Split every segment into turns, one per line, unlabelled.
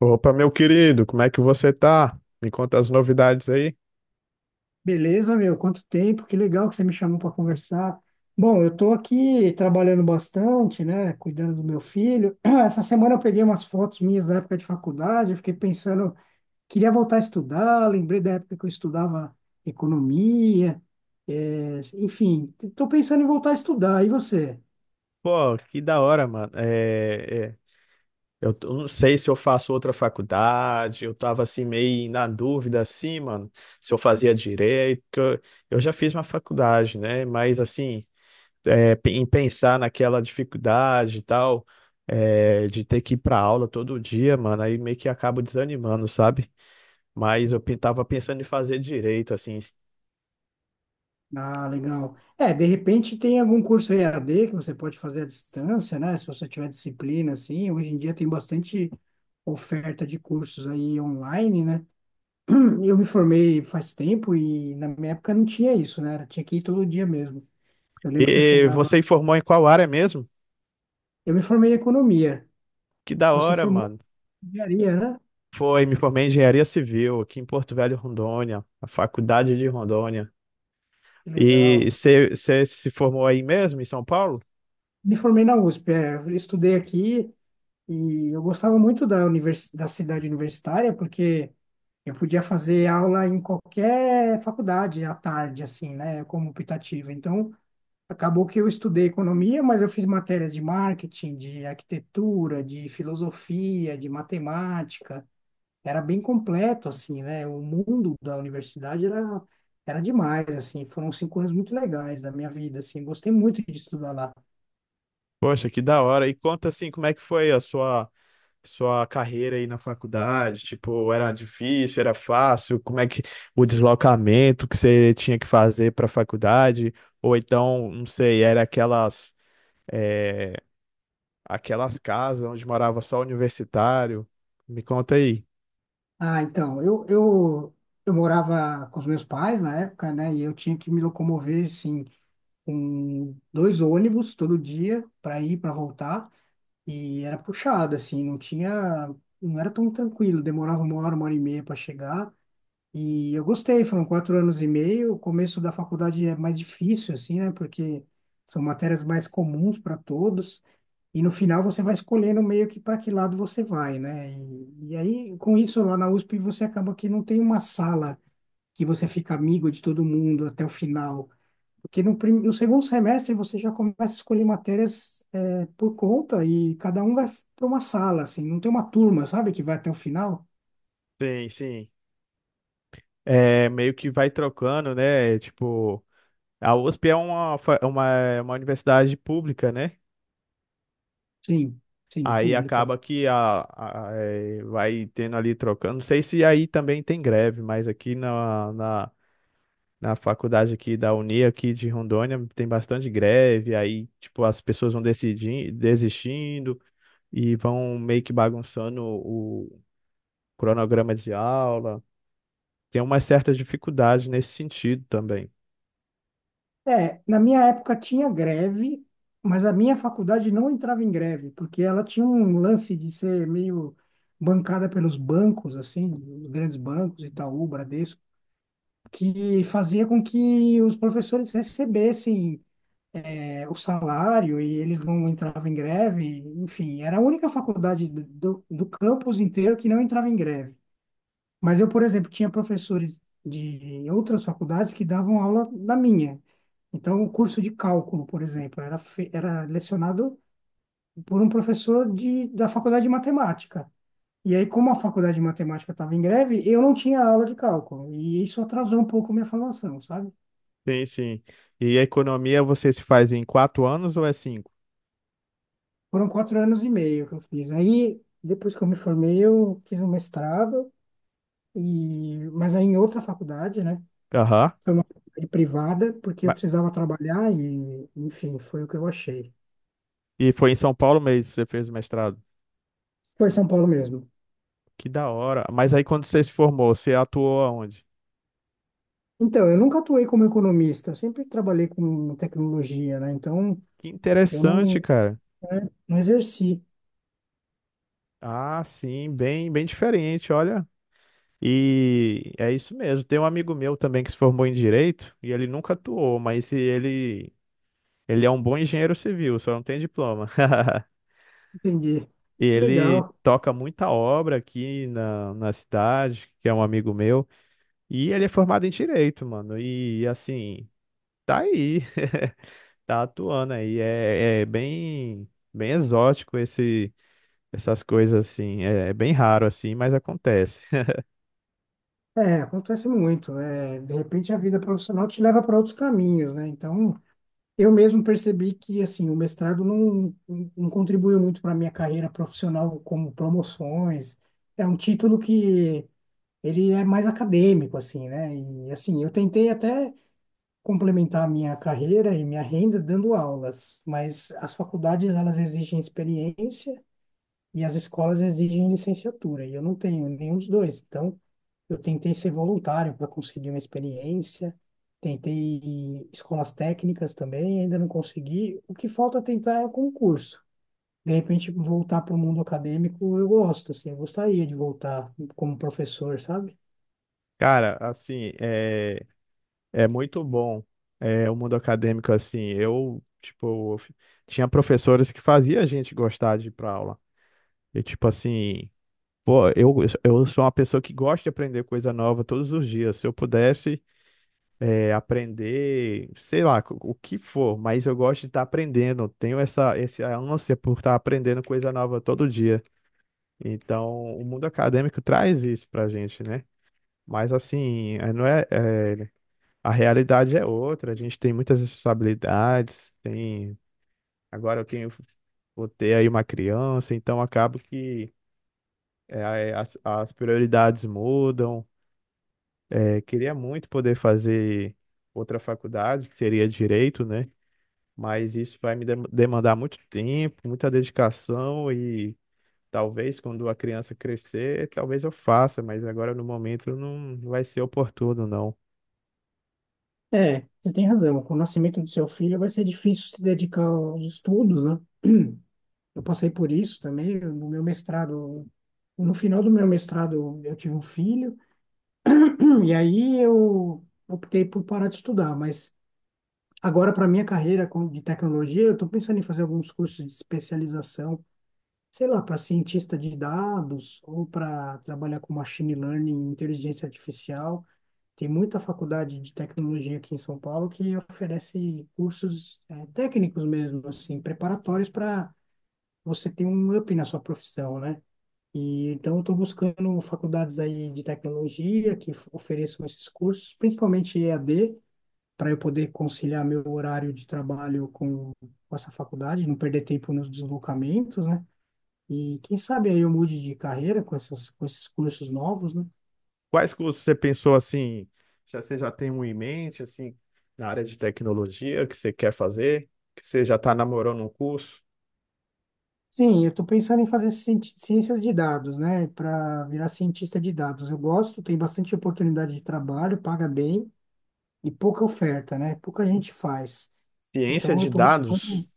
Opa, meu querido, como é que você tá? Me conta as novidades aí.
Beleza, meu? Quanto tempo? Que legal que você me chamou para conversar. Bom, eu estou aqui trabalhando bastante, né? Cuidando do meu filho. Essa semana eu peguei umas fotos minhas da época de faculdade. Eu fiquei pensando, queria voltar a estudar. Lembrei da época que eu estudava economia. Enfim, estou pensando em voltar a estudar. E você?
Pô, que da hora, mano. Eu não sei se eu faço outra faculdade, eu tava assim meio na dúvida, assim, mano, se eu fazia direito. Porque eu já fiz uma faculdade, né? Mas assim, em pensar naquela dificuldade e tal, de ter que ir pra aula todo dia, mano, aí meio que acabo desanimando, sabe? Mas tava pensando em fazer direito, assim.
Ah, legal. É, de repente tem algum curso EAD que você pode fazer à distância, né? Se você tiver disciplina, assim. Hoje em dia tem bastante oferta de cursos aí online, né? Eu me formei faz tempo e na minha época não tinha isso, né? Tinha que ir todo dia mesmo. Eu lembro que eu
E
chegava.
você formou em qual área mesmo?
Eu me formei em economia.
Que da
Você
hora,
formou
mano.
em engenharia, né?
Foi, me formei em engenharia civil aqui em Porto Velho, Rondônia, na faculdade de Rondônia.
Que
E
legal.
você se formou aí mesmo, em São Paulo?
Me formei na USP, é, eu estudei aqui e eu gostava muito da, da cidade universitária porque eu podia fazer aula em qualquer faculdade à tarde, assim, né, como optativa. Então, acabou que eu estudei economia, mas eu fiz matérias de marketing, de arquitetura, de filosofia, de matemática. Era bem completo, assim, né? O mundo da universidade era, era demais, assim. Foram cinco anos muito legais da minha vida, assim. Gostei muito de estudar lá.
Poxa, que da hora. E conta assim, como é que foi a sua carreira aí na faculdade? Tipo, era difícil, era fácil? Como é que o deslocamento que você tinha que fazer para a faculdade? Ou então, não sei, era aquelas eh, aquelas casas onde morava só universitário? Me conta aí.
Ah, então, eu morava com os meus pais na época, né? E eu tinha que me locomover, assim, com dois ônibus todo dia para ir, para voltar. E era puxado, assim, não era tão tranquilo. Demorava uma hora e meia para chegar. E eu gostei, foram quatro anos e meio. O começo da faculdade é mais difícil, assim, né? Porque são matérias mais comuns para todos. E no final você vai escolhendo meio que para que lado você vai, né? E aí, com isso, lá na USP, você acaba que não tem uma sala que você fica amigo de todo mundo até o final. Porque no, no segundo semestre você já começa a escolher matérias por conta e cada um vai para uma sala, assim. Não tem uma turma, sabe, que vai até o final?
Sim, sim. É, meio que vai trocando, né? Tipo, a USP é uma, fa- é uma universidade pública, né?
Sim, sim,
Aí
pública.
acaba que é, vai tendo ali trocando. Não sei se aí também tem greve, mas aqui na faculdade aqui da Uni, aqui de Rondônia, tem bastante greve. Aí, tipo, as pessoas vão decidindo, desistindo e vão meio que bagunçando o cronograma de aula. Tem uma certa dificuldade nesse sentido também.
É, na minha época tinha greve, mas a minha faculdade não entrava em greve, porque ela tinha um lance de ser meio bancada pelos bancos, assim, os grandes bancos, Itaú, Bradesco, que fazia com que os professores recebessem, é, o salário e eles não entravam em greve. Enfim, era a única faculdade do, do campus inteiro que não entrava em greve. Mas eu, por exemplo, tinha professores de outras faculdades que davam aula na minha. Então, o curso de cálculo, por exemplo, era lecionado por um professor de, da faculdade de matemática. E aí, como a faculdade de matemática estava em greve, eu não tinha aula de cálculo. E isso atrasou um pouco minha formação, sabe?
Sim, sim. E a economia você se faz em quatro anos ou é cinco?
Foram quatro anos e meio que eu fiz. Aí, depois que eu me formei, eu fiz um mestrado, e... mas aí em outra faculdade, né?
Aham.
Foi uma faculdade privada, porque eu
Ba-
precisava trabalhar e, enfim, foi o que eu achei.
E foi em São Paulo mesmo que você fez o mestrado?
Foi em São Paulo mesmo.
Que da hora. Mas aí quando você se formou, você atuou aonde?
Então, eu nunca atuei como economista, eu sempre trabalhei com tecnologia, né? Então,
Que
eu não,
interessante, cara.
né, não exerci.
Ah, sim, bem, bem diferente, olha. E é isso mesmo. Tem um amigo meu também que se formou em direito e ele nunca atuou, mas ele é um bom engenheiro civil, só não tem diploma.
Entendi.
E
Que
ele
legal.
toca muita obra aqui na cidade, que é um amigo meu. E ele é formado em direito, mano. E assim, tá aí, tá atuando aí. Bem exótico esse, essas coisas assim. É, é bem raro assim, mas acontece.
É, acontece muito. É, de repente, a vida profissional te leva para outros caminhos, né? Então, eu mesmo percebi que, assim, o mestrado não, não contribuiu muito para a minha carreira profissional, como promoções. É um título que ele é mais acadêmico, assim, né? E, assim, eu tentei até complementar a minha carreira e minha renda dando aulas, mas as faculdades elas exigem experiência e as escolas exigem licenciatura, e eu não tenho nenhum dos dois. Então, eu tentei ser voluntário para conseguir uma experiência, tentei escolas técnicas também, ainda não consegui. O que falta tentar é o concurso. De repente, voltar para o mundo acadêmico, eu gosto, assim, eu gostaria de voltar como professor, sabe?
Cara, assim, é muito bom é, o mundo acadêmico assim. Eu, tipo, tinha professores que fazia a gente gostar de ir pra aula. E tipo assim, pô, eu, eu sou uma pessoa que gosta de aprender coisa nova todos os dias. Se eu pudesse aprender, sei lá, o que for, mas eu gosto de estar aprendendo. Tenho essa ânsia por estar aprendendo coisa nova todo dia. Então, o mundo acadêmico traz isso pra gente, né? Mas assim, é- não é, é, a realidade é outra, a gente tem muitas responsabilidades, tem, agora eu tenho, vou ter aí uma criança, então acabo que é, as prioridades mudam. É, queria muito poder fazer outra faculdade, que seria direito, né? Mas isso vai me demandar muito tempo, muita dedicação e talvez quando a criança crescer, talvez eu faça, mas agora no momento não vai ser oportuno, não.
É, você tem razão. Com o nascimento do seu filho vai ser difícil se dedicar aos estudos, né? Eu passei por isso também no meu mestrado. No final do meu mestrado, eu tive um filho, e aí eu optei por parar de estudar. Mas agora, para minha carreira de tecnologia, eu estou pensando em fazer alguns cursos de especialização, sei lá, para cientista de dados ou para trabalhar com machine learning, inteligência artificial. Tem muita faculdade de tecnologia aqui em São Paulo que oferece cursos técnicos mesmo, assim, preparatórios para você ter um up na sua profissão, né? E então eu estou buscando faculdades aí de tecnologia ofereçam esses cursos, principalmente EAD, para eu poder conciliar meu horário de trabalho com essa faculdade, não perder tempo nos deslocamentos, né? E quem sabe aí eu mude de carreira com com esses cursos novos, né?
Quais cursos você pensou assim? Já você já tem um em mente assim na área de tecnologia que você quer fazer? Que você já está namorando um curso?
Sim, eu estou pensando em fazer ciências de dados, né? Para virar cientista de dados. Eu gosto, tem bastante oportunidade de trabalho, paga bem e pouca oferta, né? Pouca gente faz.
Ciência
Então, eu
de
estou
dados?
buscando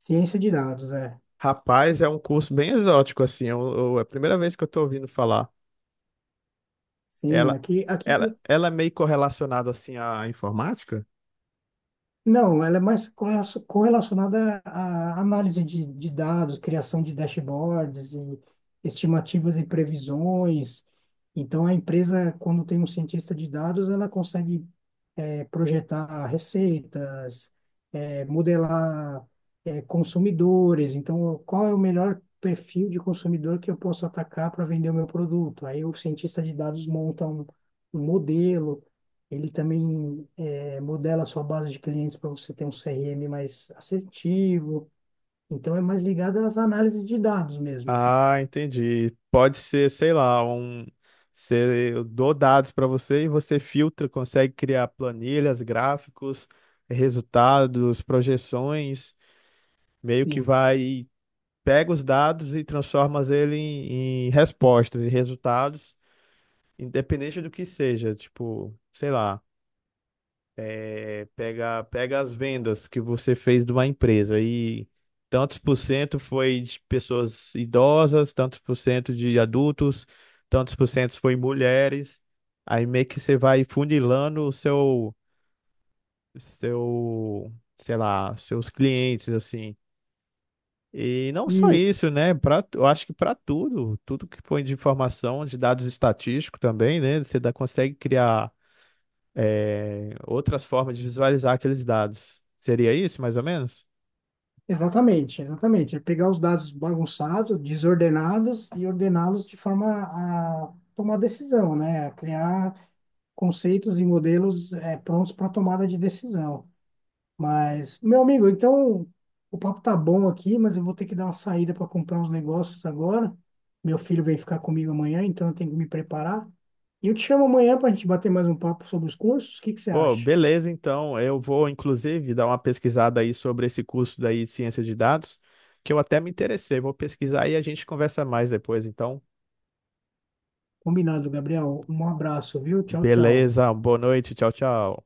ciência de dados, é.
Rapaz, é um curso bem exótico assim. É a primeira vez que eu estou ouvindo falar.
Sim,
Ela,
aqui
ela é meio correlacionada assim à informática?
não, ela é mais correlacionada à análise de dados, criação de dashboards e estimativas e previsões. Então, a empresa, quando tem um cientista de dados, ela consegue é, projetar receitas, modelar, consumidores. Então, qual é o melhor perfil de consumidor que eu posso atacar para vender o meu produto? Aí o cientista de dados monta um, um modelo, ele também modela a sua base de clientes para você ter um CRM mais assertivo. Então, é mais ligado às análises de dados mesmo.
Ah, entendi. Pode ser, sei lá, um. Eu dou dados para você e você filtra, consegue criar planilhas, gráficos, resultados, projeções, meio que
Sim.
vai, pega os dados e transforma ele em respostas e resultados, independente do que seja, tipo, sei lá. É, pega as vendas que você fez de uma empresa e tantos por cento foi de pessoas idosas, tantos por cento de adultos, tantos por cento foi mulheres. Aí meio que você vai funilando o seu, sei lá, seus clientes, assim. E não só
Isso.
isso, né? Pra, eu acho que para tudo, tudo que põe de informação, de dados estatísticos também, né? Você dá, consegue criar é, outras formas de visualizar aqueles dados. Seria isso, mais ou menos?
Exatamente, exatamente. É pegar os dados bagunçados, desordenados e ordená-los de forma a tomar decisão, né? A criar conceitos e modelos prontos para tomada de decisão. Mas, meu amigo, então o papo tá bom aqui, mas eu vou ter que dar uma saída para comprar uns negócios agora. Meu filho vem ficar comigo amanhã, então eu tenho que me preparar. E eu te chamo amanhã para a gente bater mais um papo sobre os cursos. O que que você
Pô,
acha?
beleza, então. Eu vou, inclusive, dar uma pesquisada aí sobre esse curso daí, de Ciência de Dados, que eu até me interessei. Vou pesquisar e a gente conversa mais depois, então.
Combinado, Gabriel. Um abraço, viu? Tchau, tchau.
Beleza, boa noite, tchau, tchau.